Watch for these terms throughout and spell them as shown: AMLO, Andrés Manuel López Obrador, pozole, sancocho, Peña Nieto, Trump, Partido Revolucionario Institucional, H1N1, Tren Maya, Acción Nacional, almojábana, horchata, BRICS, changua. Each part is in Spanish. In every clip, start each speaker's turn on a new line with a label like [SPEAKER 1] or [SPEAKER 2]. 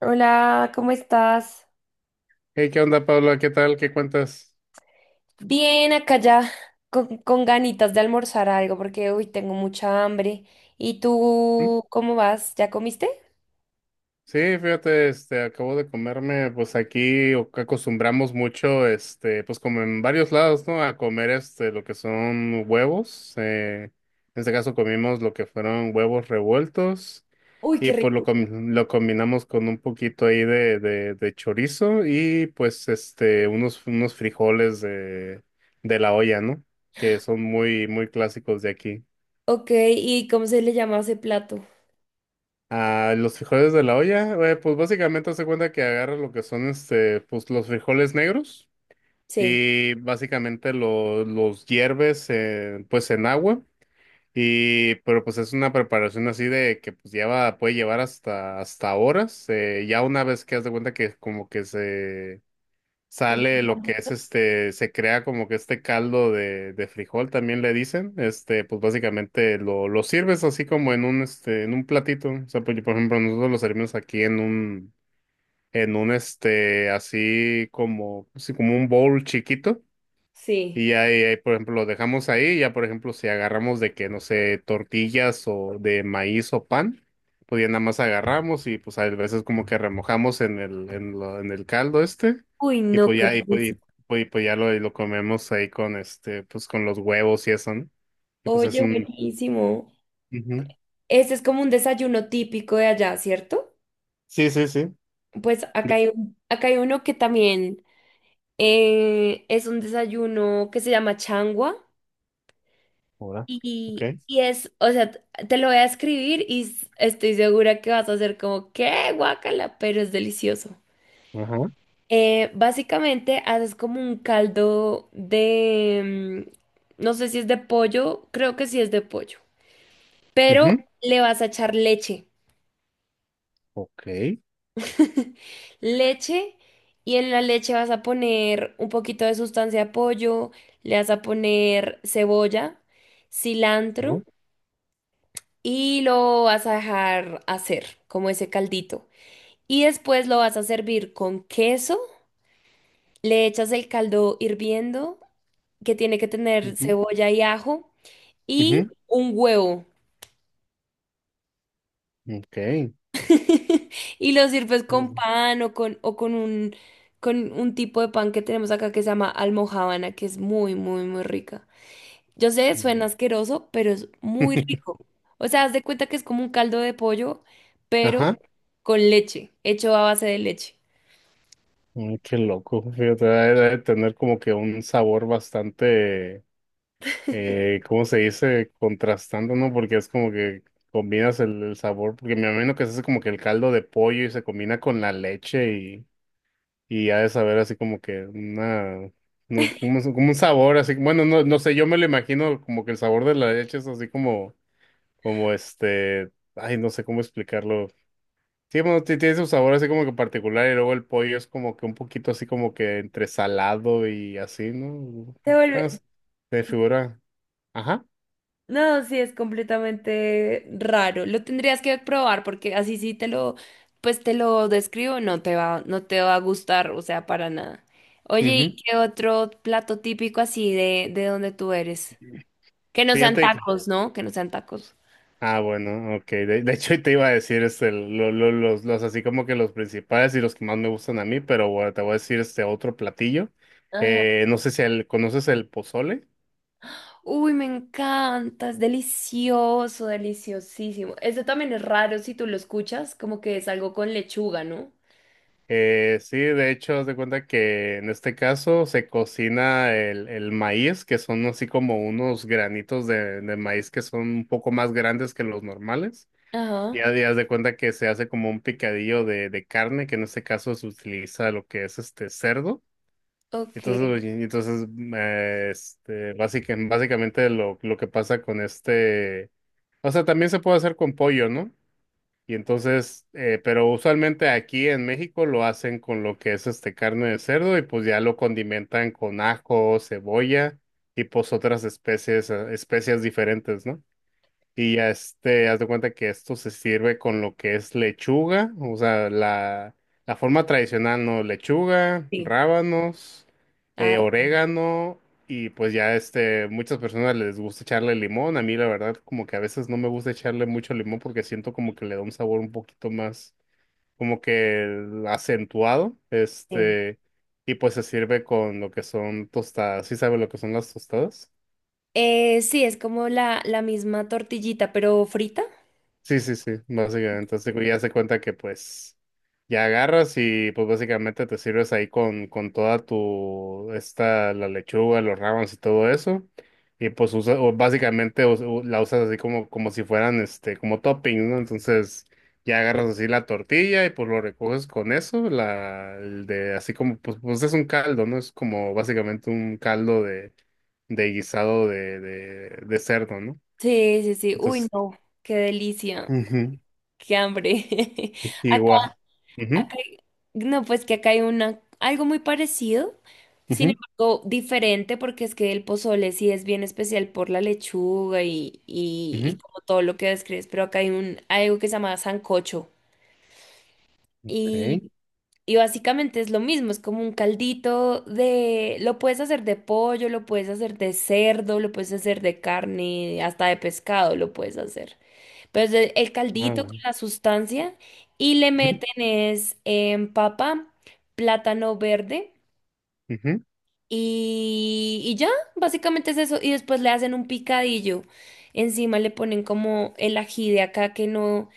[SPEAKER 1] Hola, ¿cómo estás?
[SPEAKER 2] Hey, ¿qué onda, Pablo? ¿Qué tal? ¿Qué cuentas?
[SPEAKER 1] Bien, acá ya con ganitas de almorzar algo porque hoy tengo mucha hambre. ¿Y
[SPEAKER 2] ¿Mm?
[SPEAKER 1] tú cómo vas? ¿Ya comiste?
[SPEAKER 2] Sí, fíjate, acabo de comerme, pues aquí acostumbramos mucho, pues como en varios lados, ¿no? A comer, lo que son huevos. En este caso comimos lo que fueron huevos revueltos
[SPEAKER 1] Uy, qué
[SPEAKER 2] y pues
[SPEAKER 1] rico.
[SPEAKER 2] lo combinamos con un poquito ahí de chorizo y pues, unos frijoles de la olla, ¿no? Que son muy, muy clásicos de aquí.
[SPEAKER 1] Ok, ¿y cómo se le llama ese plato?
[SPEAKER 2] Ah, los frijoles de la olla, pues básicamente hace cuenta que agarras lo que son pues los frijoles negros
[SPEAKER 1] Sí.
[SPEAKER 2] y básicamente los hierves, pues en agua. Y pero pues es una preparación así de que pues lleva, puede llevar hasta horas, ya una vez que haz de cuenta que como que se
[SPEAKER 1] Pues-
[SPEAKER 2] sale lo que es este, se crea como que este caldo de frijol, también le dicen, pues básicamente lo sirves así como en un, en un platito. O sea, pues, por ejemplo, nosotros lo servimos aquí así como un bowl chiquito,
[SPEAKER 1] Sí.
[SPEAKER 2] y ahí, ahí, por ejemplo, lo dejamos ahí. Ya, por ejemplo, si agarramos de que, no sé, tortillas o de maíz o pan, pues ya nada más agarramos y pues a veces como que remojamos en el, en el caldo este.
[SPEAKER 1] Uy,
[SPEAKER 2] Y
[SPEAKER 1] no,
[SPEAKER 2] pues
[SPEAKER 1] qué
[SPEAKER 2] ya, y pues,
[SPEAKER 1] rico.
[SPEAKER 2] y, pues, y pues ya lo, y lo comemos ahí con pues con los huevos y eso, ¿no? Y pues es
[SPEAKER 1] Oye,
[SPEAKER 2] un...
[SPEAKER 1] buenísimo.
[SPEAKER 2] ujú.
[SPEAKER 1] Este es como un desayuno típico de allá, ¿cierto?
[SPEAKER 2] Sí, sí, sí.
[SPEAKER 1] Pues acá
[SPEAKER 2] De-
[SPEAKER 1] hay, un- acá hay uno que también es un desayuno que se llama changua.
[SPEAKER 2] Ahora. Ok.
[SPEAKER 1] Y es, o sea, te lo voy a escribir y s- estoy segura que vas a hacer como, ¿qué? Guácala, pero es delicioso.
[SPEAKER 2] Ajá.
[SPEAKER 1] Básicamente haces como un caldo de, no sé si es de pollo, creo que sí es de pollo, pero
[SPEAKER 2] Ujú.
[SPEAKER 1] le vas a echar leche.
[SPEAKER 2] Ok.
[SPEAKER 1] Leche y en la leche vas a poner un poquito de sustancia de pollo, le vas a poner cebolla, cilantro.
[SPEAKER 2] ¿No?
[SPEAKER 1] Y lo vas a dejar hacer como ese caldito. Y después lo vas a servir con queso, le echas el caldo hirviendo, que tiene que tener
[SPEAKER 2] Ujú.
[SPEAKER 1] cebolla y ajo, y
[SPEAKER 2] Ujú.
[SPEAKER 1] un huevo.
[SPEAKER 2] Ok.
[SPEAKER 1] Y lo sirves con
[SPEAKER 2] Ujú.
[SPEAKER 1] pan o con un tipo de pan que tenemos acá que se llama almojábana, que es muy, muy, muy rica. Yo sé, suena asqueroso, pero es muy rico. O sea, haz de cuenta que es como un caldo de pollo, pero
[SPEAKER 2] Ajá.
[SPEAKER 1] con leche, hecho a base de leche.
[SPEAKER 2] Mm, qué loco, fíjate, debe, debe tener como que un sabor bastante, ¿cómo se dice? Contrastando, ¿no? Porque es como que combinas el sabor, porque me imagino que se hace como que el caldo de pollo y se combina con la leche, y ha de saber así como que una, no, como un sabor así, bueno, no, no sé, yo me lo imagino como que el sabor de la leche es así como, como este, ay, no sé cómo explicarlo. Sí, bueno, tiene su sabor así como que particular y luego el pollo es como que un poquito así como que entre salado y así, ¿no?
[SPEAKER 1] Te vuelve...
[SPEAKER 2] Pues, se figura. Ajá.
[SPEAKER 1] No, sí, es completamente raro. Lo tendrías que probar porque así sí te lo, pues te lo describo, no te va, no te va a gustar, o sea, para nada. Oye, ¿y
[SPEAKER 2] Ujú.
[SPEAKER 1] qué otro plato típico así de donde tú eres? Que no sean
[SPEAKER 2] Fíjate que...
[SPEAKER 1] tacos, ¿no? Que no sean tacos.
[SPEAKER 2] Ah, bueno, ok. De hecho, te iba a decir los así como que los principales y los que más me gustan a mí, pero bueno, te voy a decir este otro platillo.
[SPEAKER 1] Ajá.
[SPEAKER 2] No sé si conoces el pozole.
[SPEAKER 1] Uy, me encanta, es delicioso, deliciosísimo. Este también es raro si tú lo escuchas, como que es algo con lechuga, ¿no?
[SPEAKER 2] Sí, de hecho, haz de cuenta que en este caso se cocina el maíz, que son así como unos granitos de maíz que son un poco más grandes que los normales. Y
[SPEAKER 1] Ajá,
[SPEAKER 2] haz y haz de cuenta que se hace como un picadillo de carne, que en este caso se utiliza lo que es este cerdo.
[SPEAKER 1] ok,
[SPEAKER 2] Entonces, y entonces, básicamente lo que pasa con este, o sea, también se puede hacer con pollo, ¿no? Y entonces, pero usualmente aquí en México lo hacen con lo que es carne de cerdo y pues ya lo condimentan con ajo, cebolla y pues otras especies, especias diferentes, ¿no? Y ya haz de cuenta que esto se sirve con lo que es lechuga. O sea, la forma tradicional, ¿no? Lechuga,
[SPEAKER 1] sí.
[SPEAKER 2] rábanos,
[SPEAKER 1] Ah,
[SPEAKER 2] orégano, y pues ya muchas personas les gusta echarle limón. A mí la verdad, como que a veces no me gusta echarle mucho limón porque siento como que le da un sabor un poquito más, como que acentuado.
[SPEAKER 1] sí.
[SPEAKER 2] Y pues se sirve con lo que son tostadas. ¿Sí sabe lo que son las tostadas?
[SPEAKER 1] Sí, es como la misma tortillita, pero frita.
[SPEAKER 2] Sí, sí, sí, básicamente. Entonces ya se cuenta que pues ya agarras y pues básicamente te sirves ahí con toda tu, esta, la lechuga, los rábanos y todo eso. Y pues usa, o básicamente la usas así como, como si fueran, como topping, ¿no? Entonces ya agarras así la tortilla y pues lo recoges con eso, la, el de, así como, pues, pues es un caldo, ¿no? Es como básicamente un caldo de, guisado de cerdo, ¿no?
[SPEAKER 1] Sí, sí, sí. Uy,
[SPEAKER 2] Entonces...
[SPEAKER 1] no, qué delicia,
[SPEAKER 2] ujú.
[SPEAKER 1] qué hambre. Acá,
[SPEAKER 2] Igual. Ujú,
[SPEAKER 1] acá hay- no, pues que acá hay una, algo muy parecido, sin
[SPEAKER 2] ujú,
[SPEAKER 1] embargo, diferente, porque es que el pozole sí es bien especial por la lechuga y
[SPEAKER 2] ujú.
[SPEAKER 1] como todo lo que describes, pero acá hay un, algo que se llama sancocho.
[SPEAKER 2] Ok.
[SPEAKER 1] Y básicamente es lo mismo, es como un caldito de... Lo puedes hacer de pollo, lo puedes hacer de cerdo, lo puedes hacer de carne, hasta de pescado lo puedes hacer. Pero es el
[SPEAKER 2] Ah,
[SPEAKER 1] caldito con
[SPEAKER 2] bueno.
[SPEAKER 1] la sustancia y le
[SPEAKER 2] Ujú,
[SPEAKER 1] meten es papa, plátano verde.
[SPEAKER 2] ujú,
[SPEAKER 1] Y ya, básicamente es eso. Y después le hacen un picadillo. Encima le ponen como el ají de acá que no.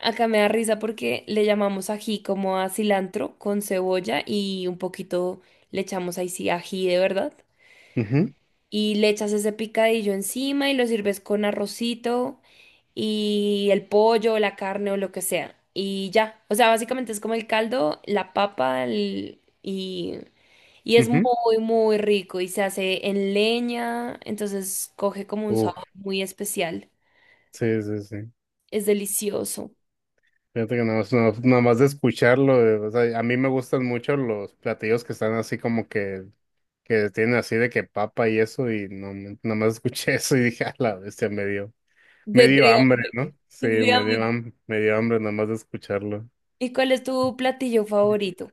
[SPEAKER 1] Acá me da risa porque le llamamos ají como a cilantro con cebolla y un poquito le echamos ahí sí ají de verdad.
[SPEAKER 2] ujú,
[SPEAKER 1] Y le echas ese picadillo encima y lo sirves con arrocito y el pollo, la carne o lo que sea. Y ya. O sea, básicamente es como el caldo, la papa el- y es
[SPEAKER 2] ujú.
[SPEAKER 1] muy, muy rico y se hace en leña, entonces coge como un
[SPEAKER 2] Uf,
[SPEAKER 1] sabor muy especial.
[SPEAKER 2] sí, sí, sí.
[SPEAKER 1] Es delicioso.
[SPEAKER 2] Fíjate que nada más de escucharlo, o sea, a mí me gustan mucho los platillos que están así como que tienen así de que papa y eso, y no, nada más escuché eso y dije, a la bestia, me dio, me dio
[SPEAKER 1] De
[SPEAKER 2] hambre,
[SPEAKER 1] hambre.
[SPEAKER 2] ¿no? Sí,
[SPEAKER 1] Es de
[SPEAKER 2] me dio,
[SPEAKER 1] hambre.
[SPEAKER 2] ham- me dio hambre nada más de escucharlo.
[SPEAKER 1] ¿Y cuál es tu platillo favorito?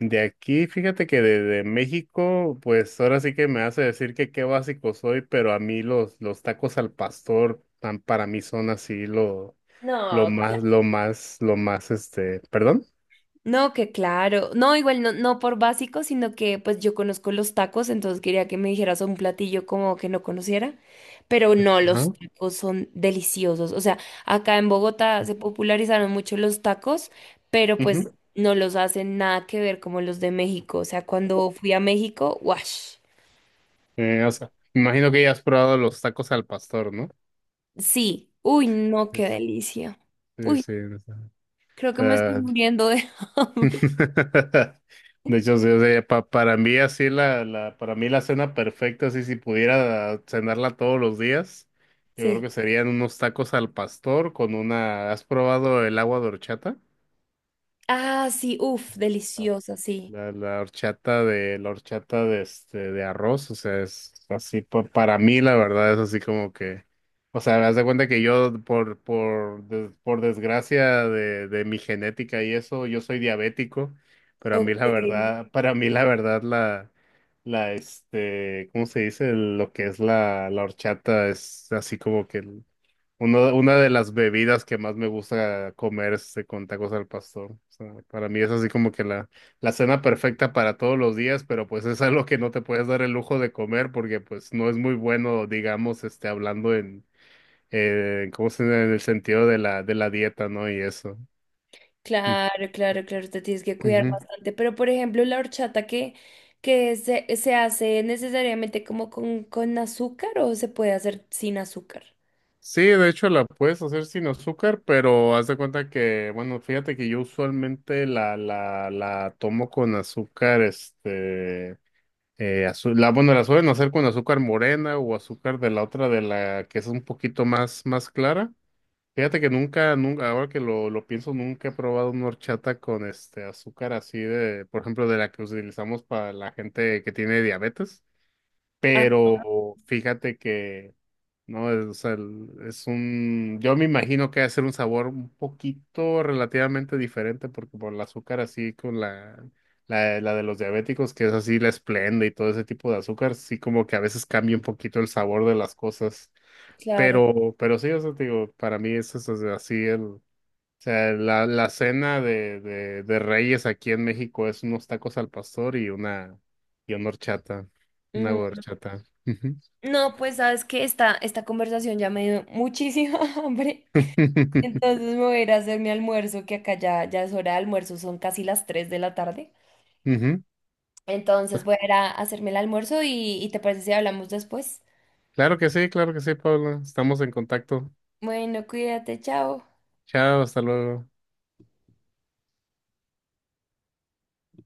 [SPEAKER 2] De aquí, fíjate que de México, pues ahora sí que me hace decir que qué básico soy, pero a mí los tacos al pastor, para mí son así lo,
[SPEAKER 1] No,
[SPEAKER 2] lo más,
[SPEAKER 1] ok.
[SPEAKER 2] lo más, lo más, perdón.
[SPEAKER 1] No, que claro. No, igual no, no por básico, sino que pues yo conozco los tacos, entonces quería que me dijeras un platillo como que no conociera. Pero no, los
[SPEAKER 2] Ajá.
[SPEAKER 1] tacos son deliciosos. O sea, acá en Bogotá se popularizaron mucho los tacos, pero pues
[SPEAKER 2] Ujú.
[SPEAKER 1] no los hacen nada que ver como los de México. O sea, cuando fui a México, ¡wash!
[SPEAKER 2] O sea, imagino que ya has probado los tacos al pastor, ¿no?
[SPEAKER 1] Sí. Uy, no, qué
[SPEAKER 2] Pues,
[SPEAKER 1] delicia.
[SPEAKER 2] sí,
[SPEAKER 1] Uy,
[SPEAKER 2] sí. O
[SPEAKER 1] creo que me estoy
[SPEAKER 2] sea,
[SPEAKER 1] muriendo de hambre.
[SPEAKER 2] de hecho, sí, o sea, para mí así para mí la cena perfecta, así si pudiera cenarla todos los días, yo creo
[SPEAKER 1] Sí.
[SPEAKER 2] que serían unos tacos al pastor con una. ¿Has probado el agua de horchata?
[SPEAKER 1] Ah, sí, uf, deliciosa, sí.
[SPEAKER 2] La horchata de de arroz. O sea, es así, para mí la verdad es así como que, o sea, haz de cuenta que yo por desgracia de mi genética y eso, yo soy diabético, pero a mí
[SPEAKER 1] Ok.
[SPEAKER 2] la verdad, para mí la verdad ¿cómo se dice? Lo que es la horchata es así como que una de las bebidas que más me gusta comer es este, con tacos al pastor. O sea, para mí es así como que la cena perfecta para todos los días, pero pues es algo que no te puedes dar el lujo de comer porque pues no es muy bueno, digamos, hablando en, ¿cómo se dice? En el sentido de la dieta, ¿no? Y eso.
[SPEAKER 1] Claro, claro, claro, te tienes que cuidar
[SPEAKER 2] Ujú.
[SPEAKER 1] bastante. Pero, por ejemplo, la horchata que se hace necesariamente como con azúcar o se puede hacer sin azúcar.
[SPEAKER 2] Sí, de hecho la puedes hacer sin azúcar, pero haz de cuenta que, bueno, fíjate que yo usualmente la tomo con azúcar, bueno, la suelen hacer con azúcar morena o azúcar de la otra, de la que es un poquito más clara. Fíjate que nunca, nunca, ahora que lo pienso, nunca he probado una horchata con este azúcar así de, por ejemplo, de la que utilizamos para la gente que tiene diabetes.
[SPEAKER 1] Ah,
[SPEAKER 2] Pero fíjate que no, es, o sea, es un, yo me imagino que va a ser un sabor un poquito relativamente diferente porque por el azúcar así con la de los diabéticos, que es así la esplenda y todo ese tipo de azúcar, sí como que a veces cambia un poquito el sabor de las cosas,
[SPEAKER 1] claro.
[SPEAKER 2] pero sí, o sea, te digo, para mí eso es así el, o sea, la cena de Reyes aquí en México es unos tacos al pastor y una horchata, una
[SPEAKER 1] Mm,
[SPEAKER 2] horchata.
[SPEAKER 1] no, pues sabes que esta conversación ya me dio muchísima hambre. Entonces me voy a ir a hacer mi almuerzo, que acá ya, ya es hora de almuerzo, son casi las 3 de la tarde.
[SPEAKER 2] Ujú.
[SPEAKER 1] Entonces voy a ir a hacerme el almuerzo y te parece si hablamos después.
[SPEAKER 2] Claro que sí, Pablo. Estamos en contacto.
[SPEAKER 1] Bueno, cuídate, chao.
[SPEAKER 2] Chao, hasta luego.